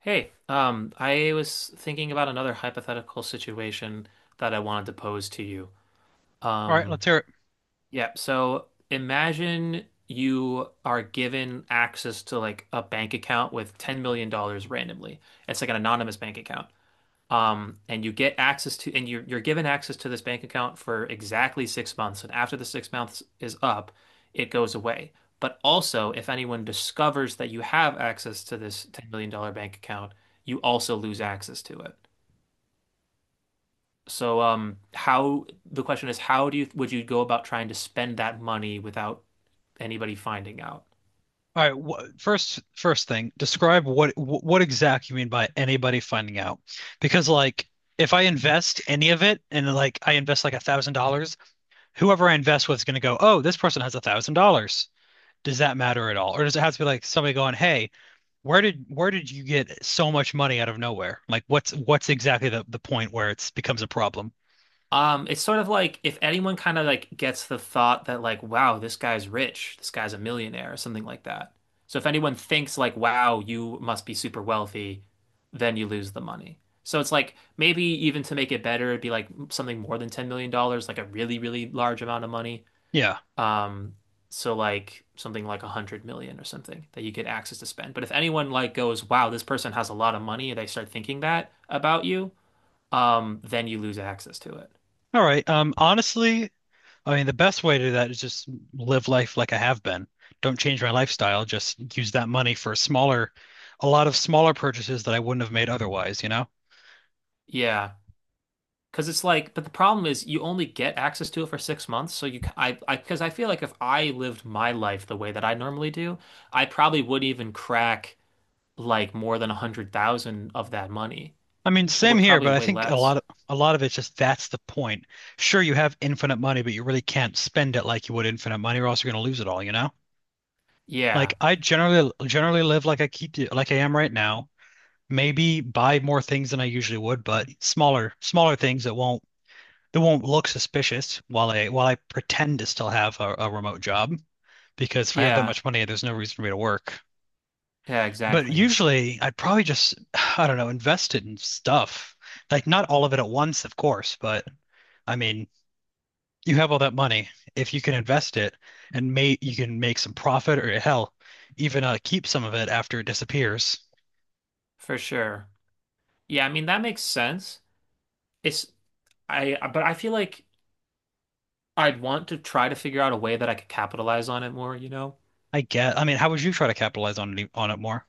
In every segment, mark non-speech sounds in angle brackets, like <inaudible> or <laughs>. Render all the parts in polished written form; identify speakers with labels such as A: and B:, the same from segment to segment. A: Hey, I was thinking about another hypothetical situation that I wanted to pose to you.
B: All right,
A: Um,
B: let's hear it.
A: yeah, so imagine you are given access to like a bank account with $10 million dollars randomly. It's like an anonymous bank account. And you get access to, and you're given access to this bank account for exactly 6 months. And after the 6 months is up, it goes away. But also, if anyone discovers that you have access to this $10 million dollars bank account, you also lose access to it. So, how the question is, how do you would you go about trying to spend that money without anybody finding out?
B: All right, wh first first thing, describe what exactly you mean by anybody finding out. Because like if I invest any of it and like I invest like $1,000, whoever I invest with is gonna go, oh, this person has $1,000. Does that matter at all? Or does it have to be like somebody going, hey, where did you get so much money out of nowhere? Like what's exactly the point where it's becomes a problem?
A: It's sort of like if anyone kind of like gets the thought that like, wow, this guy's rich, this guy's a millionaire, or something like that. So if anyone thinks like, wow, you must be super wealthy, then you lose the money. So it's like maybe even to make it better, it'd be like something more than $10 million, dollars, like a really, really large amount of money.
B: Yeah.
A: Um, so like something like 100 million or something that you get access to spend. But if anyone like goes, wow, this person has a lot of money, and they start thinking that about you, then you lose access to it.
B: All right. Honestly, I mean, the best way to do that is just live life like I have been. Don't change my lifestyle. Just use that money for smaller, a lot of smaller purchases that I wouldn't have made otherwise, you know?
A: Yeah, because it's like, but the problem is you only get access to it for 6 months. So because I feel like if I lived my life the way that I normally do, I probably would even crack like more than 100,000 of that money.
B: I mean, same
A: Would
B: here,
A: probably
B: but I
A: way
B: think a
A: less.
B: lot of a lot of it's just that's the point. Sure, you have infinite money, but you really can't spend it like you would infinite money, or else you're going to lose it all, you know? Like
A: Yeah,
B: I generally live like I keep like I am right now. Maybe buy more things than I usually would, but smaller things that won't— they won't look suspicious while I pretend to still have a remote job because if I have that
A: yeah,
B: much money, there's no reason for me to work.
A: yeah,
B: But
A: exactly,
B: usually, I'd probably just, I don't know, invest it in stuff. Like not all of it at once, of course, but I mean, you have all that money. If you can invest it and may you can make some profit or hell, even keep some of it after it disappears.
A: for sure. Yeah, I mean that makes sense. It's but I feel like I'd want to try to figure out a way that I could capitalize on it more.
B: I get. I mean, how would you try to capitalize on it, on it more?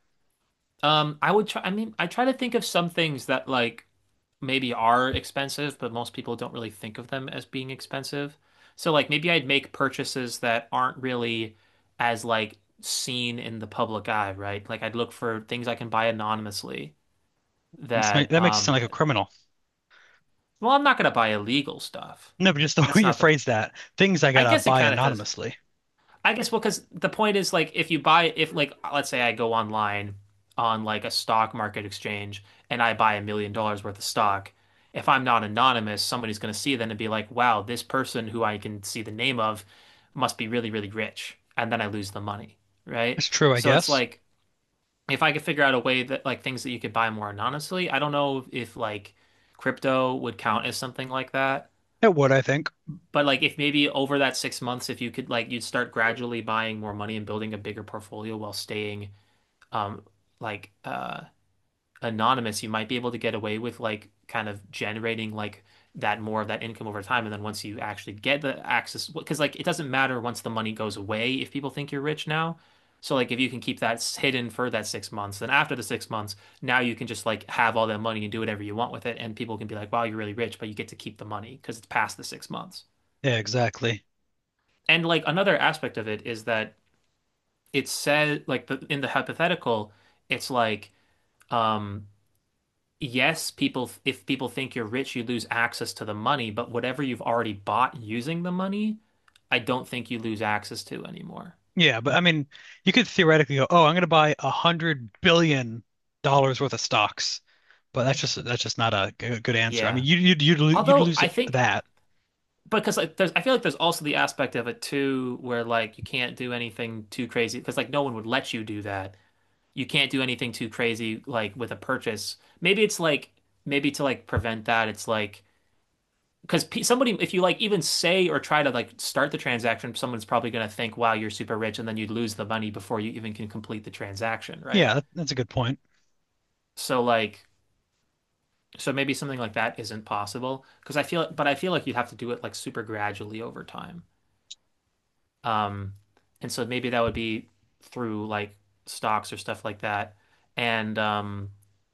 A: I would try. I mean, I try to think of some things that like maybe are expensive, but most people don't really think of them as being expensive. So like maybe I'd make purchases that aren't really as like seen in the public eye, right? Like I'd look for things I can buy anonymously that
B: That makes you sound
A: um
B: like a criminal.
A: Well, I'm not gonna buy illegal stuff.
B: No, but just the <laughs> way
A: That's
B: you
A: not the
B: phrase that, things I
A: I
B: gotta
A: guess it
B: buy
A: kind of does.
B: anonymously.
A: I guess well, because the point is like if you buy if like let's say I go online on like a stock market exchange and I buy $1 million worth of stock, if I'm not anonymous, somebody's going to see that and be like, "Wow, this person who I can see the name of must be really, really rich," and then I lose the money, right?
B: It's true, I
A: So it's
B: guess.
A: like if I could figure out a way that like things that you could buy more anonymously, I don't know if like crypto would count as something like that.
B: It would, I think.
A: But like if maybe over that 6 months, if you could like you'd start gradually buying more money and building a bigger portfolio while staying um like uh anonymous, you might be able to get away with like kind of generating like that more of that income over time. And then once you actually get the access, because like it doesn't matter once the money goes away if people think you're rich now. So like if you can keep that hidden for that 6 months, then after the 6 months, now you can just like have all that money and do whatever you want with it, and people can be like, "Wow, you're really rich," but you get to keep the money because it's past the 6 months.
B: Yeah, exactly.
A: And like another aspect of it is that it says like the, in the hypothetical, it's like um yes, people if people think you're rich, you lose access to the money, but whatever you've already bought using the money, I don't think you lose access to anymore.
B: Yeah, but I mean, you could theoretically go, "Oh, I'm going to buy $100 billion worth of stocks," but that's just not a good answer. I mean,
A: Yeah.
B: you'd
A: Although
B: lose
A: I
B: it,
A: think
B: that.
A: because like there's I feel like there's also the aspect of it too where like you can't do anything too crazy because like no one would let you do that. You can't do anything too crazy like with a purchase. Maybe it's like maybe to like prevent that, it's like because somebody, if you like even say or try to like start the transaction, someone's probably going to think, wow, you're super rich. And then you'd lose the money before you even can complete the transaction,
B: Yeah,
A: right?
B: that's a good point.
A: So, like, so maybe something like that isn't possible because I feel, but I feel like you'd have to do it like super gradually over time. Um, and so maybe that would be through like stocks or stuff like that. And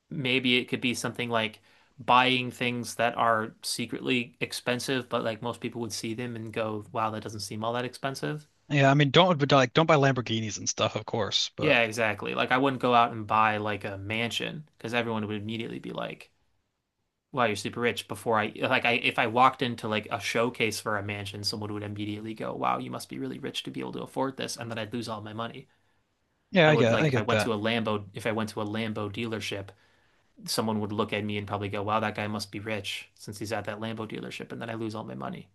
A: maybe it could be something like buying things that are secretly expensive, but like most people would see them and go, wow, that doesn't seem all that expensive.
B: Yeah, I mean, don't but like don't buy Lamborghinis and stuff, of course. But
A: Yeah, exactly. Like I wouldn't go out and buy like a mansion because everyone would immediately be like, wow, you're super rich. Before I, like, I, if I walked into like a showcase for a mansion, someone would immediately go, wow, you must be really rich to be able to afford this. And then I'd lose all my money.
B: yeah,
A: I would like
B: I
A: if I
B: get
A: went
B: that.
A: to a Lambo, if I went to a Lambo dealership, someone would look at me and probably go, "Wow, that guy must be rich since he's at that Lambo dealership," and then I lose all my money.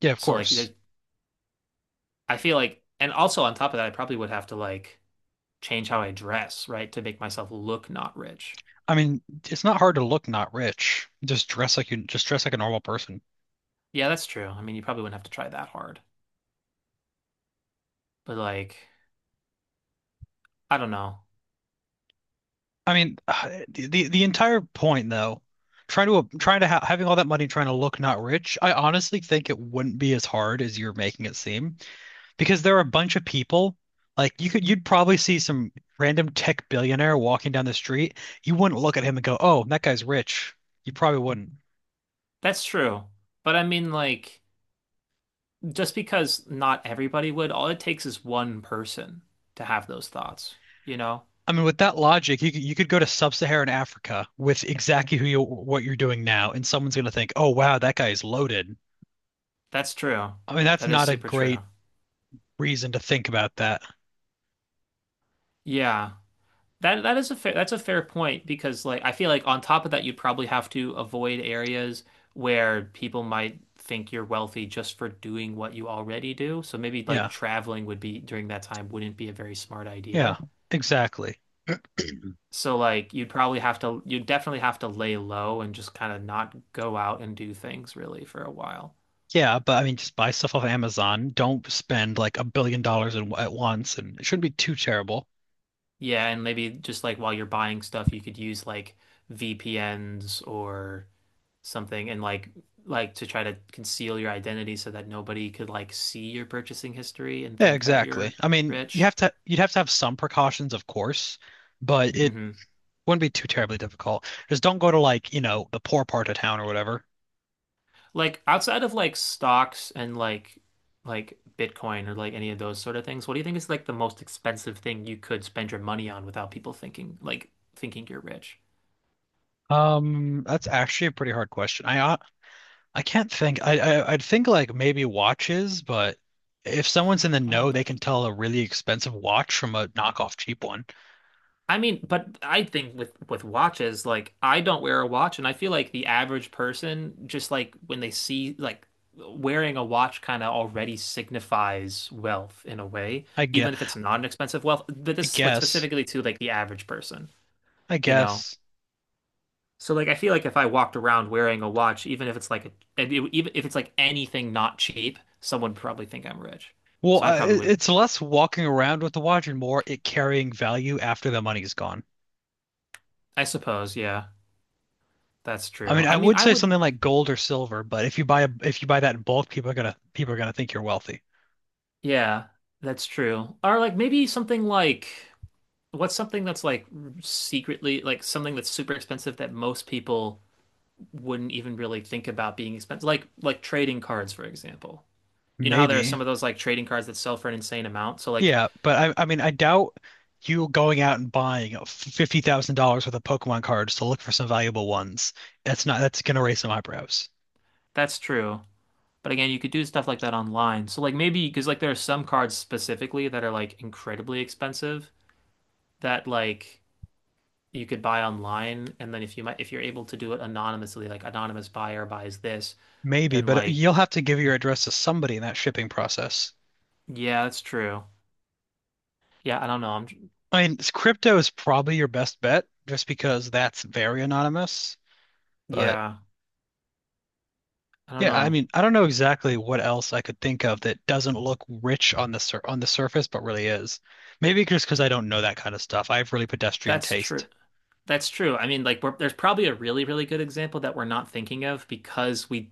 B: Yeah, of
A: So like
B: course.
A: there's I feel like and also on top of that, I probably would have to like change how I dress, right, to make myself look not rich.
B: I mean, it's not hard to look not rich. Just dress like you just dress like a normal person.
A: Yeah, that's true. I mean, you probably wouldn't have to try that hard. But like, I don't know.
B: I mean, <sighs> the entire point though, trying to trying to ha having all that money trying to look not rich, I honestly think it wouldn't be as hard as you're making it seem because there are a bunch of people like you'd probably see some random tech billionaire walking down the street. You wouldn't look at him and go, "Oh, that guy's rich." You probably wouldn't.
A: That's true. But I mean like just because not everybody would, all it takes is one person to have those thoughts, you know?
B: I mean, with that logic, you could go to sub-Saharan Africa with exactly who you what you're doing now, and someone's going to think, "Oh, wow, that guy is loaded."
A: That's true.
B: I mean, that's
A: That is
B: not a
A: super true.
B: great reason to think about that.
A: Yeah. That that is a fair that's a fair point because like I feel like on top of that you'd probably have to avoid areas where people might think you're wealthy just for doing what you already do. So maybe like
B: Yeah.
A: traveling would be during that time wouldn't be a very smart
B: Yeah,
A: idea.
B: exactly.
A: So like you'd definitely have to lay low and just kind of not go out and do things really for a while.
B: Yeah, but I mean, just buy stuff off Amazon. Don't spend like $1 billion in, at once, and it shouldn't be too terrible.
A: Yeah, and maybe just like while you're buying stuff you could use like VPNs or something and like to try to conceal your identity so that nobody could like see your purchasing history and
B: Yeah,
A: think that
B: exactly.
A: you're
B: I mean, you
A: rich.
B: have to you'd have to have some precautions, of course, but it
A: Hmm.
B: wouldn't be too terribly difficult. Just don't go to like, you know, the poor part of town or whatever.
A: Like outside of like stocks and like Bitcoin or like any of those sort of things, what do you think is like the most expensive thing you could spend your money on without people thinking you're rich?
B: That's actually a pretty hard question. I can't think. I'd think like maybe watches, but if someone's in the
A: Oh,
B: know, they can tell a really expensive watch from a knockoff cheap one.
A: I mean, but I think with watches, like I don't wear a watch, and I feel like the average person just like when they see like wearing a watch kind of already signifies wealth in a way,
B: I guess.
A: even if it's not an expensive wealth. But
B: I
A: this like
B: guess.
A: specifically to like the average person,
B: I
A: you know?
B: guess.
A: So like I feel like if I walked around wearing a watch, even if it's like a, and it- even if it's like anything not cheap, someone would probably think I'm rich.
B: Well,
A: So I
B: I,
A: probably
B: it-
A: would,
B: it's less walking around with the watch and more it carrying value after the money's gone.
A: I suppose, yeah, that's
B: I mean,
A: true. I
B: I
A: mean,
B: would
A: I
B: say
A: would.
B: something like gold or silver, but if you buy that in bulk, people are gonna think you're wealthy.
A: Yeah, that's true. Or like maybe something like what's something that's like secretly like something that's super expensive that most people wouldn't even really think about being expensive. Like trading cards, for example. You know how there are
B: Maybe.
A: some of those like trading cards that sell for an insane amount? So like
B: Yeah, but I mean, I doubt you going out and buying $50,000 worth of Pokemon cards to look for some valuable ones. That's not That's gonna raise some eyebrows.
A: that's true. But again, you could do stuff like that online. So like maybe because like there are some cards specifically that are like incredibly expensive that like you could buy online and then if you might if you're able to do it anonymously like anonymous buyer buys this
B: Maybe,
A: then
B: but
A: like,
B: you'll have to give your address to somebody in that shipping process.
A: yeah, that's true. Yeah, I don't know. I'm
B: I mean, crypto is probably your best bet just because that's very anonymous. But
A: yeah, I don't
B: yeah, I
A: know.
B: mean, I don't know exactly what else I could think of that doesn't look rich on the sur on the surface, but really is. Maybe just because
A: Y-
B: I don't know that kind of stuff. I have really pedestrian
A: that's
B: taste.
A: true, that's true. I mean there's probably a really, really good example that we're not thinking of because we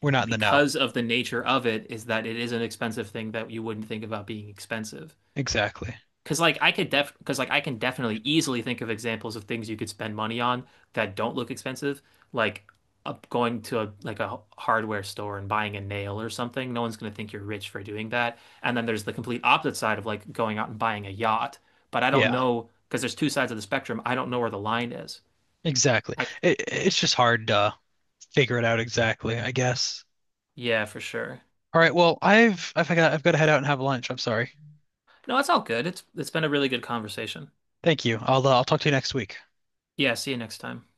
B: We're not in the know.
A: because of the nature of it is that it is an expensive thing that you wouldn't think about being expensive.
B: Exactly.
A: Cause like I can definitely easily think of examples of things you could spend money on that don't look expensive, like going to a hardware store and buying a nail or something. No one's gonna think you're rich for doing that. And then there's the complete opposite side of like going out and buying a yacht. But I don't
B: Yeah,
A: know, cause there's two sides of the spectrum. I don't know where the line is.
B: exactly.
A: I
B: It's just hard to figure it out exactly, I guess.
A: Yeah, for sure.
B: All right, well, I've got to head out and have lunch. I'm sorry.
A: No, it's all good. It's been a really good conversation.
B: Thank you. I'll talk to you next week.
A: Yeah, see you next time.